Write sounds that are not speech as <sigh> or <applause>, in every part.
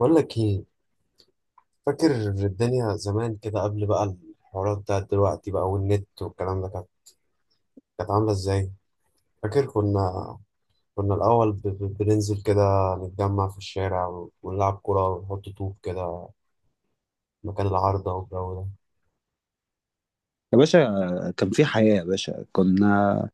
بقول لك ايه؟ فاكر الدنيا زمان كده قبل بقى الحوارات بتاعت دلوقتي بقى والنت والكلام ده كانت عامله ازاي؟ فاكر كنا الاول بننزل كده، نتجمع في الشارع ونلعب كوره ونحط طوب كده مكان العارضه والجو ده. يا باشا، كان في حياة يا باشا. كنا...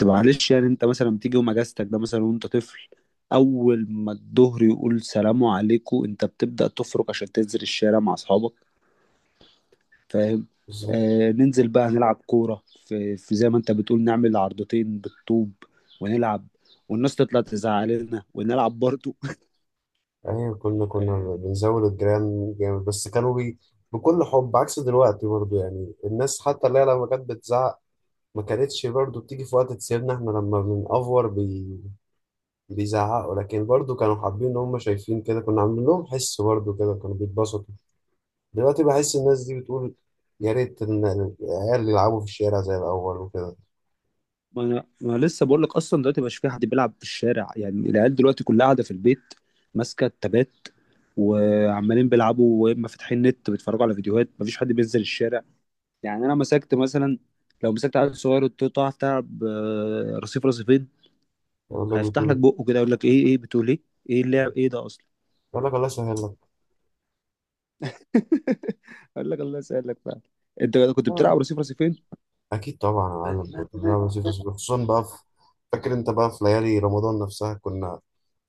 طب، معلش، يعني انت مثلا تيجي يوم اجازتك ده، مثلا وانت طفل، اول ما الظهر يقول سلام عليكم انت بتبدأ تفرك عشان تنزل الشارع مع اصحابك. فاهم؟ بالظبط. آه، ننزل بقى نلعب كورة في زي ما انت بتقول، نعمل عرضتين بالطوب ونلعب، والناس تطلع تزعق لنا ونلعب برضه. ايوه كنا <laughs> بنزود الجيران جامد بس كانوا بكل حب، عكس دلوقتي برضو. يعني الناس حتى اللي هي لما كانت بتزعق ما كانتش برضو بتيجي في وقت تسيبنا احنا لما بنأفور. بيزعقوا لكن برضو كانوا حابين ان هم شايفين كده كنا عاملين لهم حس، برضو كده كانوا بيتبسطوا. دلوقتي بحس الناس دي بتقول يا ريت ان العيال يلعبوا في الشارع زي الاول وكده. ما أنا لسه بقول لك، اصلا دلوقتي مش في حد بيلعب في الشارع. يعني العيال دلوقتي كلها قاعده في البيت ماسكه التابات وعمالين بيلعبوا، واما فاتحين نت بيتفرجوا على فيديوهات. مفيش حد بينزل الشارع. يعني انا مسكت مثلا، لو مسكت عيل صغير قلت له تعرف تلعب آه، رصيف رصيفين، يقول لك هيفتح بتقول لك إيه؟ بقه كده يقول لك ايه، ايه بتقول؟ ايه ايه اللعب ايه ده اصلا؟ يقول لك الله يسهل لك. <laughs> اقول لك الله يسهل لك بقى. انت كنت آه. بتلعب رصيف رصيفين. اكيد طبعا يا معلم، كنت بنعمل وظيفه صعبة. خصوصا بقى في، فاكر انت بقى في ليالي رمضان نفسها، كنا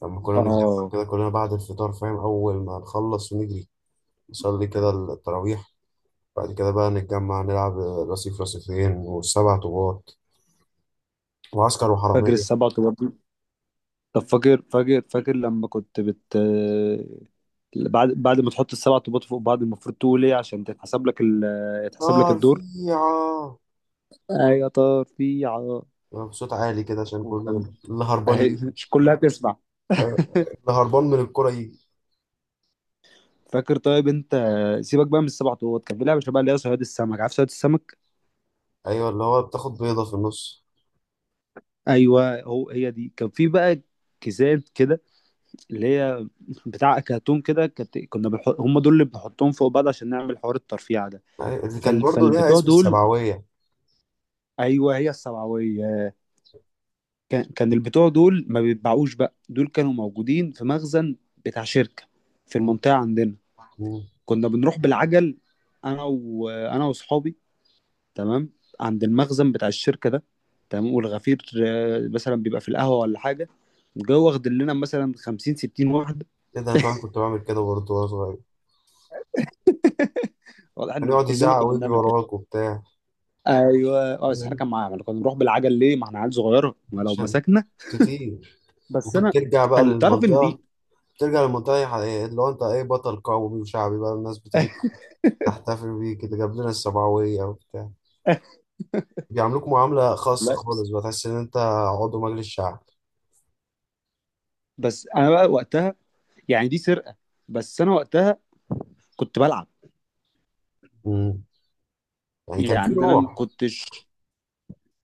لما كنا نتجمع اه. كده كلنا بعد الفطار، فاهم، اول ما نخلص ونجري نصلي كده التراويح، بعد كده بقى نتجمع نلعب رصيف رصيفين والسبع طوبات وعسكر فاكر وحرامية. السبعة وتمانية؟ طب فاكر، فاكر لما كنت بعد ما تحط السبع طوبات فوق بعض المفروض تقول ايه عشان تتحسب لك يتحسب لك نار الدور؟ فيها، ايوه، طار في عار. يبقى بصوت عالي كده عشان وكان كله اللي هربان أهي، مش كلها تسمع. أيوة، اللي هربان من الكرة يجي. فاكر؟ طيب انت سيبك بقى من السبع طوبات، كان في لعبه شبه اللي هي صياد السمك. عارف صياد السمك؟ ايوه اللي هو بتاخد بيضة في النص. ايوه هو، هي دي. كان في بقى كيسات كده اللي هي بتاع كرتون كده كانت، كنا بنحط هم دول اللي بنحطهم فوق بعض عشان نعمل حوار الترفيع ده. أيوة، اللي كان برضه ليها فالبتوع اسم دول. السبعوية. ايوه هي السبعويه. كان البتوع دول ما بيتباعوش بقى، دول كانوا موجودين في مخزن بتاع شركة في مم. المنطقة عندنا. مم. كنا بنروح بالعجل، انا واصحابي، تمام، عند المخزن بتاع الشركة ده، تمام. والغفير آه، مثلا بيبقى في القهوة ولا حاجة جوه، واخد لنا مثلا 50 60 واحدة. ايه ده، انا كمان <laughs> كنت بعمل كده برضه وانا صغير. واضح كان ان يقعد كلنا يزعق كنا ويجري بنعمل كده. وراك وبتاع. ايوه، اه، بس احنا أيوة، كان معانا، كنا بنروح بالعجل ليه؟ ما احنا عيال صغيره، ما لو عشان مسكنا... كتير. بس وكنت انا ترجع بقى خلي تعرف ان للمنطقة، دي... ترجع للمنطقة اللي هو انت ايه، بطل قومي وشعبي بقى، الناس بتيجي <laughs> تحتفل بيه كده جاب لنا السبعوية وبتاع، بيعاملوك معاملة خاصة والله، خالص، بتحس إن أنت عضو مجلس شعب. بس انا بقى وقتها يعني دي سرقه. بس انا وقتها كنت بلعب، مم. يعني كان في يعني انا ما روح. كنتش،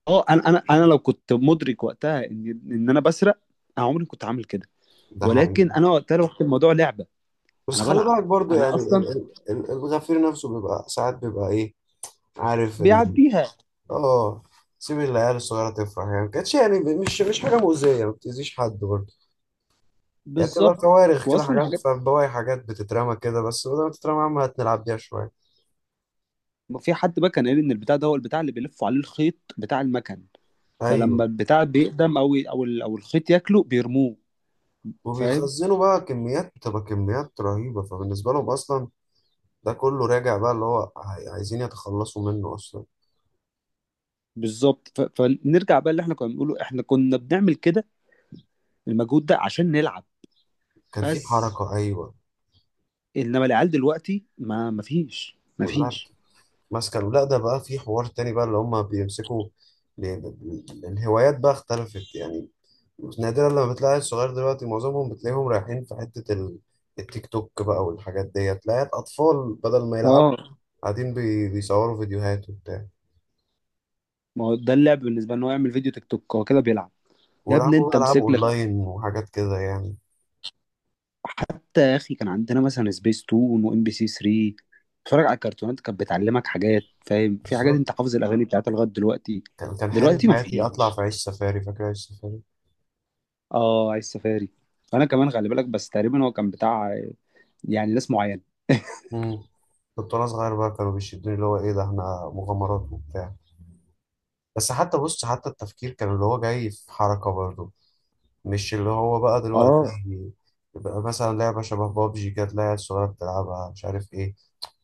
اه انا لو كنت مدرك وقتها ان انا بسرق، انا عمري ما كنت عامل كده. ده حقيقي. ولكن انا وقتها واخد الموضوع لعبه، بس انا خلي بلعب، بالك برضو، انا يعني اصلا الغفير نفسه بيبقى ساعات بيبقى إيه، عارف إن، بيعديها. آه، سيب العيال الصغيرة تفرح. يعني ما كانتش يعني مش حاجة مؤذية، ما بتأذيش حد برضه. يعني بتبقى بالظبط. كوارخ كده واصلا حاجات، الحاجات، فاهم، بواقي حاجات بتترمى كده، بس بدل ما تترمى يا عم هتلعب بيها شوية. في حد بقى كان قال ان البتاع ده هو البتاع اللي بيلفوا عليه الخيط بتاع المكن، فلما أيوه. البتاع بيقدم او الخيط ياكله بيرموه. فاهم. وبيتخزنوا بقى كميات، بتبقى كميات رهيبة، فبالنسبة لهم أصلا ده كله راجع بقى، اللي هو عايزين يتخلصوا منه اصلا. بالظبط. فنرجع بقى اللي احنا كنا بنقوله، احنا كنا بنعمل كده المجهود ده عشان نلعب كان في بس. حركة، ايوه. انما العيال دلوقتي ما ما فيش ما كلها فيش ماسكة له. لا ده بقى في حوار تاني بقى اللي هم بيمسكوا، الهوايات بقى اختلفت يعني. نادرا لما بتلاقي الصغير دلوقتي، معظمهم بتلاقيهم رايحين في حتة التيك توك بقى والحاجات ديت. تلاقي اطفال بدل ما يلعبوا اه، قاعدين بيصوروا فيديوهات وبتاع، ما هو ده اللعب بالنسبه، ان هو يعمل فيديو تيك توك هو كده بيلعب. يا ابني ويلعبوا انت بقى العاب امسك لك، اونلاين وحاجات كده يعني. حتى يا اخي كان عندنا مثلا سبيس تون وام بي سي 3، اتفرج على الكرتونات كانت بتعلمك حاجات. فاهم؟ في حاجات انت بالظبط. حافظ الاغاني بتاعتها لغايه دلوقتي. كان كان حلم دلوقتي ما حياتي اطلع في فيش. عيش سفاري، فاكر عيش اه عايز سفاري. انا كمان خلي بالك، بس تقريبا هو كان بتاع يعني ناس معينه. <laughs> سفاري؟ كنت وانا صغير بقى كانوا بيشدوني، اللي هو ايه ده احنا مغامرات وبتاع. بس حتى بص، حتى التفكير كان اللي هو جاي في حركة برضه، مش اللي هو بقى دلوقتي. اه يبقى مثلا لعبة شبه بابجي كانت العيال الصغيرة بتلعبها، مش عارف ايه،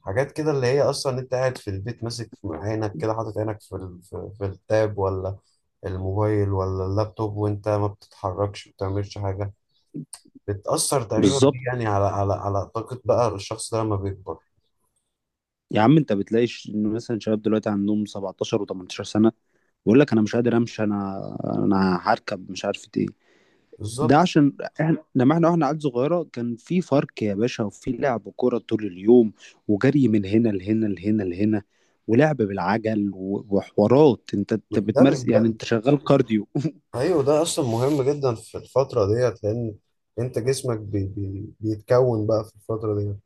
حاجات كده اللي هي اصلا انت قاعد في البيت ماسك في عينك كده، حاطط عينك في التاب ولا الموبايل ولا اللابتوب، وانت ما بتتحركش، ما بتعملش حاجة. بتأثر تقريبا دي بالظبط. يعني على على طاقة بقى الشخص ده لما بيكبر. يا عم انت بتلاقي مثلا شباب دلوقتي عندهم 17 و18 سنه بيقول لك انا مش قادر امشي، انا انا هركب مش عارف ايه. ده بالظبط. عشان احنا لما احنا واحنا عيال صغيره كان في فرق يا باشا، وفي لعب كوره طول اليوم، وجري من هنا لهنا لهنا لهنا، ولعب بالعجل و- وحوارات. انت أنت ده بتمارس، يعني بيبقى، انت شغال كارديو. ايوه ده اصلا مهم جدا في الفتره ديت، لان انت جسمك بي بي بيتكون بقى في الفتره ديت،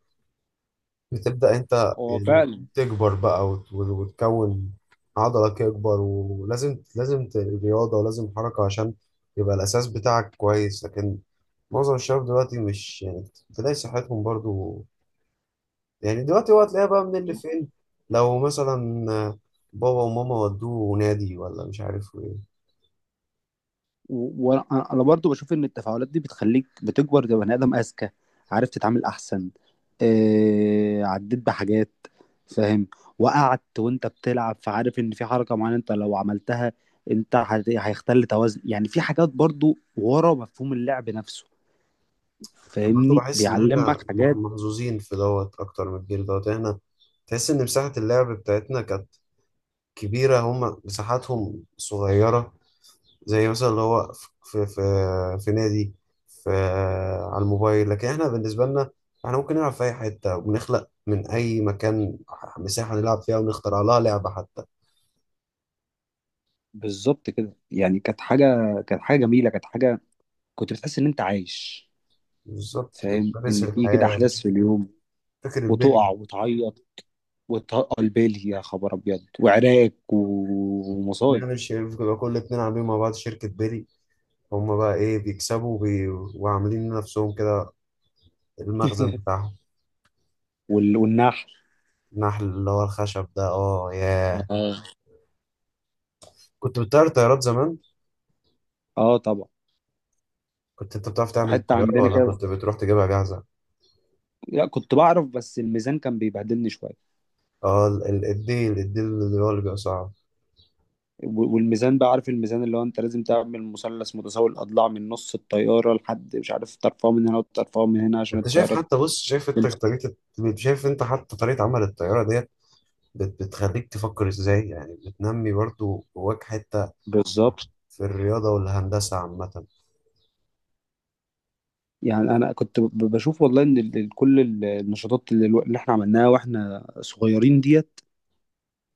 بتبدا انت هو يعني فعلا. تكبر بقى وتكون عضلك يكبر، ولازم رياضه ولازم حركه عشان يبقى الاساس بتاعك كويس. لكن معظم الشباب دلوقتي مش يعني، تلاقي صحتهم برضو، يعني دلوقتي هو هتلاقيها بقى من اللي فين؟ لو مثلا بابا وماما ودوه نادي ولا مش عارف إيه. وانا برضو بشوف ان التفاعلات دي بتخليك بتكبر كبني ادم اذكى، عارف تتعامل احسن، آه عديت بحاجات، فاهم؟ وقعت وانت بتلعب، فعارف ان في حركه معينه انت لو عملتها انت هيختل توازن. يعني في حاجات برضو ورا مفهوم اللعب نفسه، انا برضو فاهمني، بحس ان بيعلمك احنا حاجات. محظوظين في دوت اكتر من الجيل دوت. احنا تحس ان مساحة اللعب بتاعتنا كانت كبيرة، هما مساحاتهم صغيرة، زي مثلا اللي هو في نادي، في، آه، على الموبايل. لكن احنا بالنسبة لنا، احنا ممكن نلعب في اي حتة وبنخلق من اي مكان مساحة نلعب فيها ونخترع لها لعبة حتى. بالظبط كده، يعني كانت حاجه، كانت حاجه جميله، كانت حاجه كنت بتحس ان انت عايش. بالظبط فاهم بتمارس ان في كده الحياة. احداث في اليوم، فكرة وتقع البلي، وتعيط، وتقل بالي يا خبر ابيض، وعراك ومصايب. نعمل شركة كل اتنين عاملين مع بعض شركة بلي، هما بقى ايه بيكسبوا وعاملين لنفسهم المخزن <laughs> بتاعهم. وال- والنحل. النحل، اللي هو الخشب ده، اه ياه. اه. كنت بتطير طيارات زمان. اه طبعا. كنت انت بتعرف تعمل حتى طيارة عندنا ولا كده. كنت بتروح تجيبها جاهزة؟ لا كنت بعرف، بس الميزان كان بيبهدلني شويه. اه الديل، الديل اللي هو اللي بيبقى صعب. و- والميزان بقى، عارف الميزان اللي هو انت لازم تعمل مثلث متساوي الاضلاع من نص الطياره لحد مش عارف، ترفعه من هنا وترفعه من هنا عشان انت شايف الطياره حتى، بص، تمشي. شايف انت حتى طريقة عمل الطيارة ديت بتخليك تفكر ازاي، يعني بتنمي برضو جواك حتة بالظبط. في الرياضة والهندسة عامة. يعني انا كنت ب- بشوف والله ان ال- ال- كل ال- النشاطات اللي, الو- اللي احنا عملناها واحنا صغيرين ديت،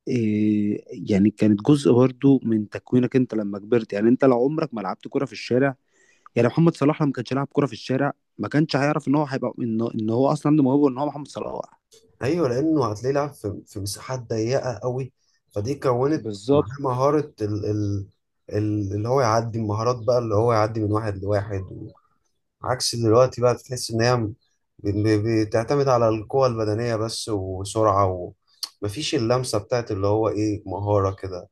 إيه، يعني كانت جزء برضو من تكوينك انت لما كبرت. يعني انت لو عمرك ما لعبت كرة في الشارع، يعني محمد صلاح لما ما كانش لعب كرة في الشارع ما كانش هيعرف ان هو هيبقى، إن هو اصلا عنده موهبة ان هو محمد صلاح. ايوه لانه هتلاقيه لعب في في مساحات ضيقه قوي، فدي كونت معاه بالظبط. مهاره اللي هو يعدي المهارات بقى، اللي هو يعدي من واحد لواحد. عكس دلوقتي بقى بتحس ان هي بتعتمد على القوة البدنية بس وسرعة، ومفيش اللمسة بتاعت اللي هو ايه، مهارة كده.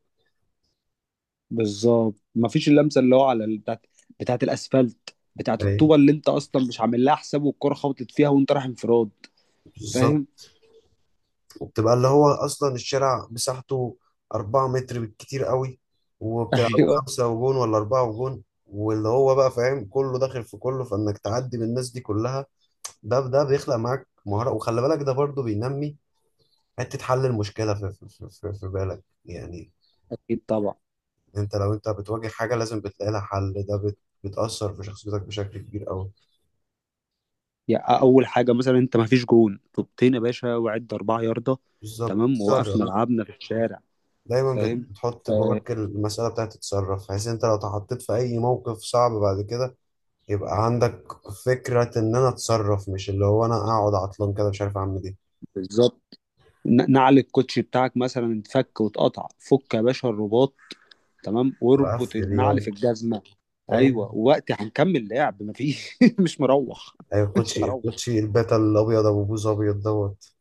بالظبط، مفيش اللمسه اللي هو على ال- بتاعت، بتاعت الاسفلت، بتاعت ايه. الطوبه اللي انت اصلا مش عامل لها حساب والكره خبطت فيها وانت رايح انفراد. فاهم. بالظبط. وبتبقى اللي هو اصلا الشارع مساحته 4 متر بالكتير قوي، <laughs> وبتلعبوا ايوه. خمسة وجون ولا أربعة وجون، واللي هو بقى فاهم كله داخل في كله، فإنك تعدي من الناس دي كلها، ده ده بيخلق معاك مهارة. وخلي بالك ده برضو بينمي حتة حل المشكلة في بالك يعني. اكيد طبعا. أنت لو أنت بتواجه حاجة لازم بتلاقي لها حل، ده بتأثر في شخصيتك بشكل كبير أوي. يعني اول حاجة مثلا، انت ما فيش جون، طوبتين يا باشا وعد اربعة ياردة، بالظبط تمام ووقفنا، تصرف. بالظبط لعبنا في الشارع. دايما فاهم؟ بتحط آه. جواك المسألة بتاعت تتصرف، بحيث أنت لو اتحطيت في أي موقف صعب بعد كده يبقى عندك فكرة إن أنا أتصرف، مش اللي هو أنا أقعد عطلان كده مش عارف أعمل إيه. بالظبط. ن- نعل الكوتشي بتاعك مثلا اتفك واتقطع، فك يا باشا الرباط تمام، واربط وأقفل النعل في يلا. الجزمه. ايوه أيوة. وقت هنكمل لعب مفيش <laughs> مش مروح أيوة، <laughs> مش الكوتشي، هروح. الكوتشي الباتا الأبيض أبو بوز أبيض دوت،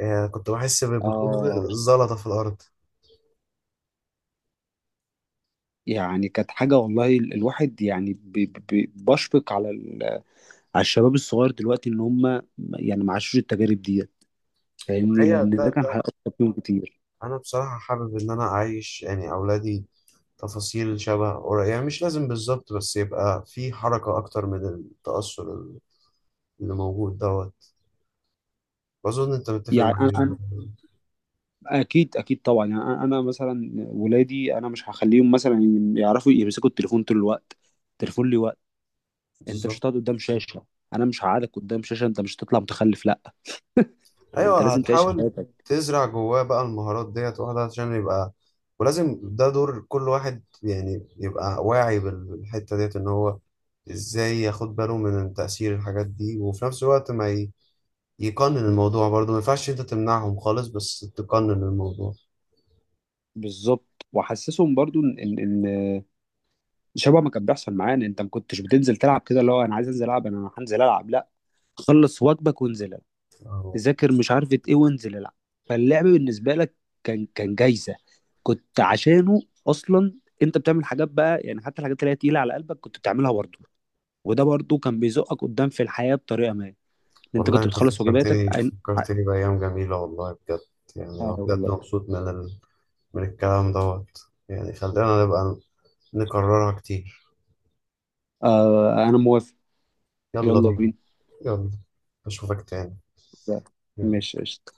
يعني كنت بحس بكل اه، زلطة في الأرض. يعني كانت حاجه والله. ال- الواحد يعني بشفق على ال- على الشباب الصغير دلوقتي ان هم يعني ما عاشوش التجارب ديت، فاهمني، وهي لان ده ده كان ده، هيأثر فيهم كتير. أنا بصراحة حابب إن أنا أعيش يعني أولادي تفاصيل شبه قريب، يعني مش لازم بالظبط، بس يبقى في حركة أكتر من التأثر اللي موجود دوت. بظن أنت متفق يعني معايا. انا اكيد طبعا، يعني أنا مثلا ولادي انا مش هخليهم مثلا يعرفوا يمسكوا التليفون طول الوقت. التليفون ليه وقت. انت مش بالظبط. هتقعد قدام شاشه. انا مش هقعدك قدام شاشه انت مش هتطلع متخلف. لا، انت ايوه لازم تعيش هتحاول حياتك. تزرع جواه بقى المهارات ديت واحده عشان يبقى، ولازم ده دور كل واحد يعني يبقى واعي بالحته ديت، ان هو ازاي ياخد باله من تأثير الحاجات دي، وفي نفس الوقت ما ي- يقنن الموضوع برضه، ما ينفعش انت تمنعهم خالص بس تقنن الموضوع. بالظبط. واحسسهم برضو ان ان إن شبه ما كان بيحصل معانا. انت ما كنتش بتنزل تلعب كده اللي هو انا عايز انزل العب انا هنزل العب، لا، خلص واجبك وانزل، آه والله. ذاكر مش عارفة ايه وانزل العب. فاللعب بالنسبة لك كان كان جايزة، كنت عشانه اصلا انت بتعمل حاجات بقى، يعني حتى الحاجات اللي هي تقيلة على قلبك كنت بتعملها برضه. وده برضه كان بيزقك قدام في الحياة بطريقة ما، ان انت والله كنت انت بتخلص واجباتك فكرتني بأيام جميلة والله بجد. يعني أنا اه بجد والله. مبسوط من الكلام دوت. يعني خلينا نبقى نكررها كتير. آه انا موافق. يلا يلا بينا. بينا. يلا. أشوفك تاني. مم. ماشي، قشطة.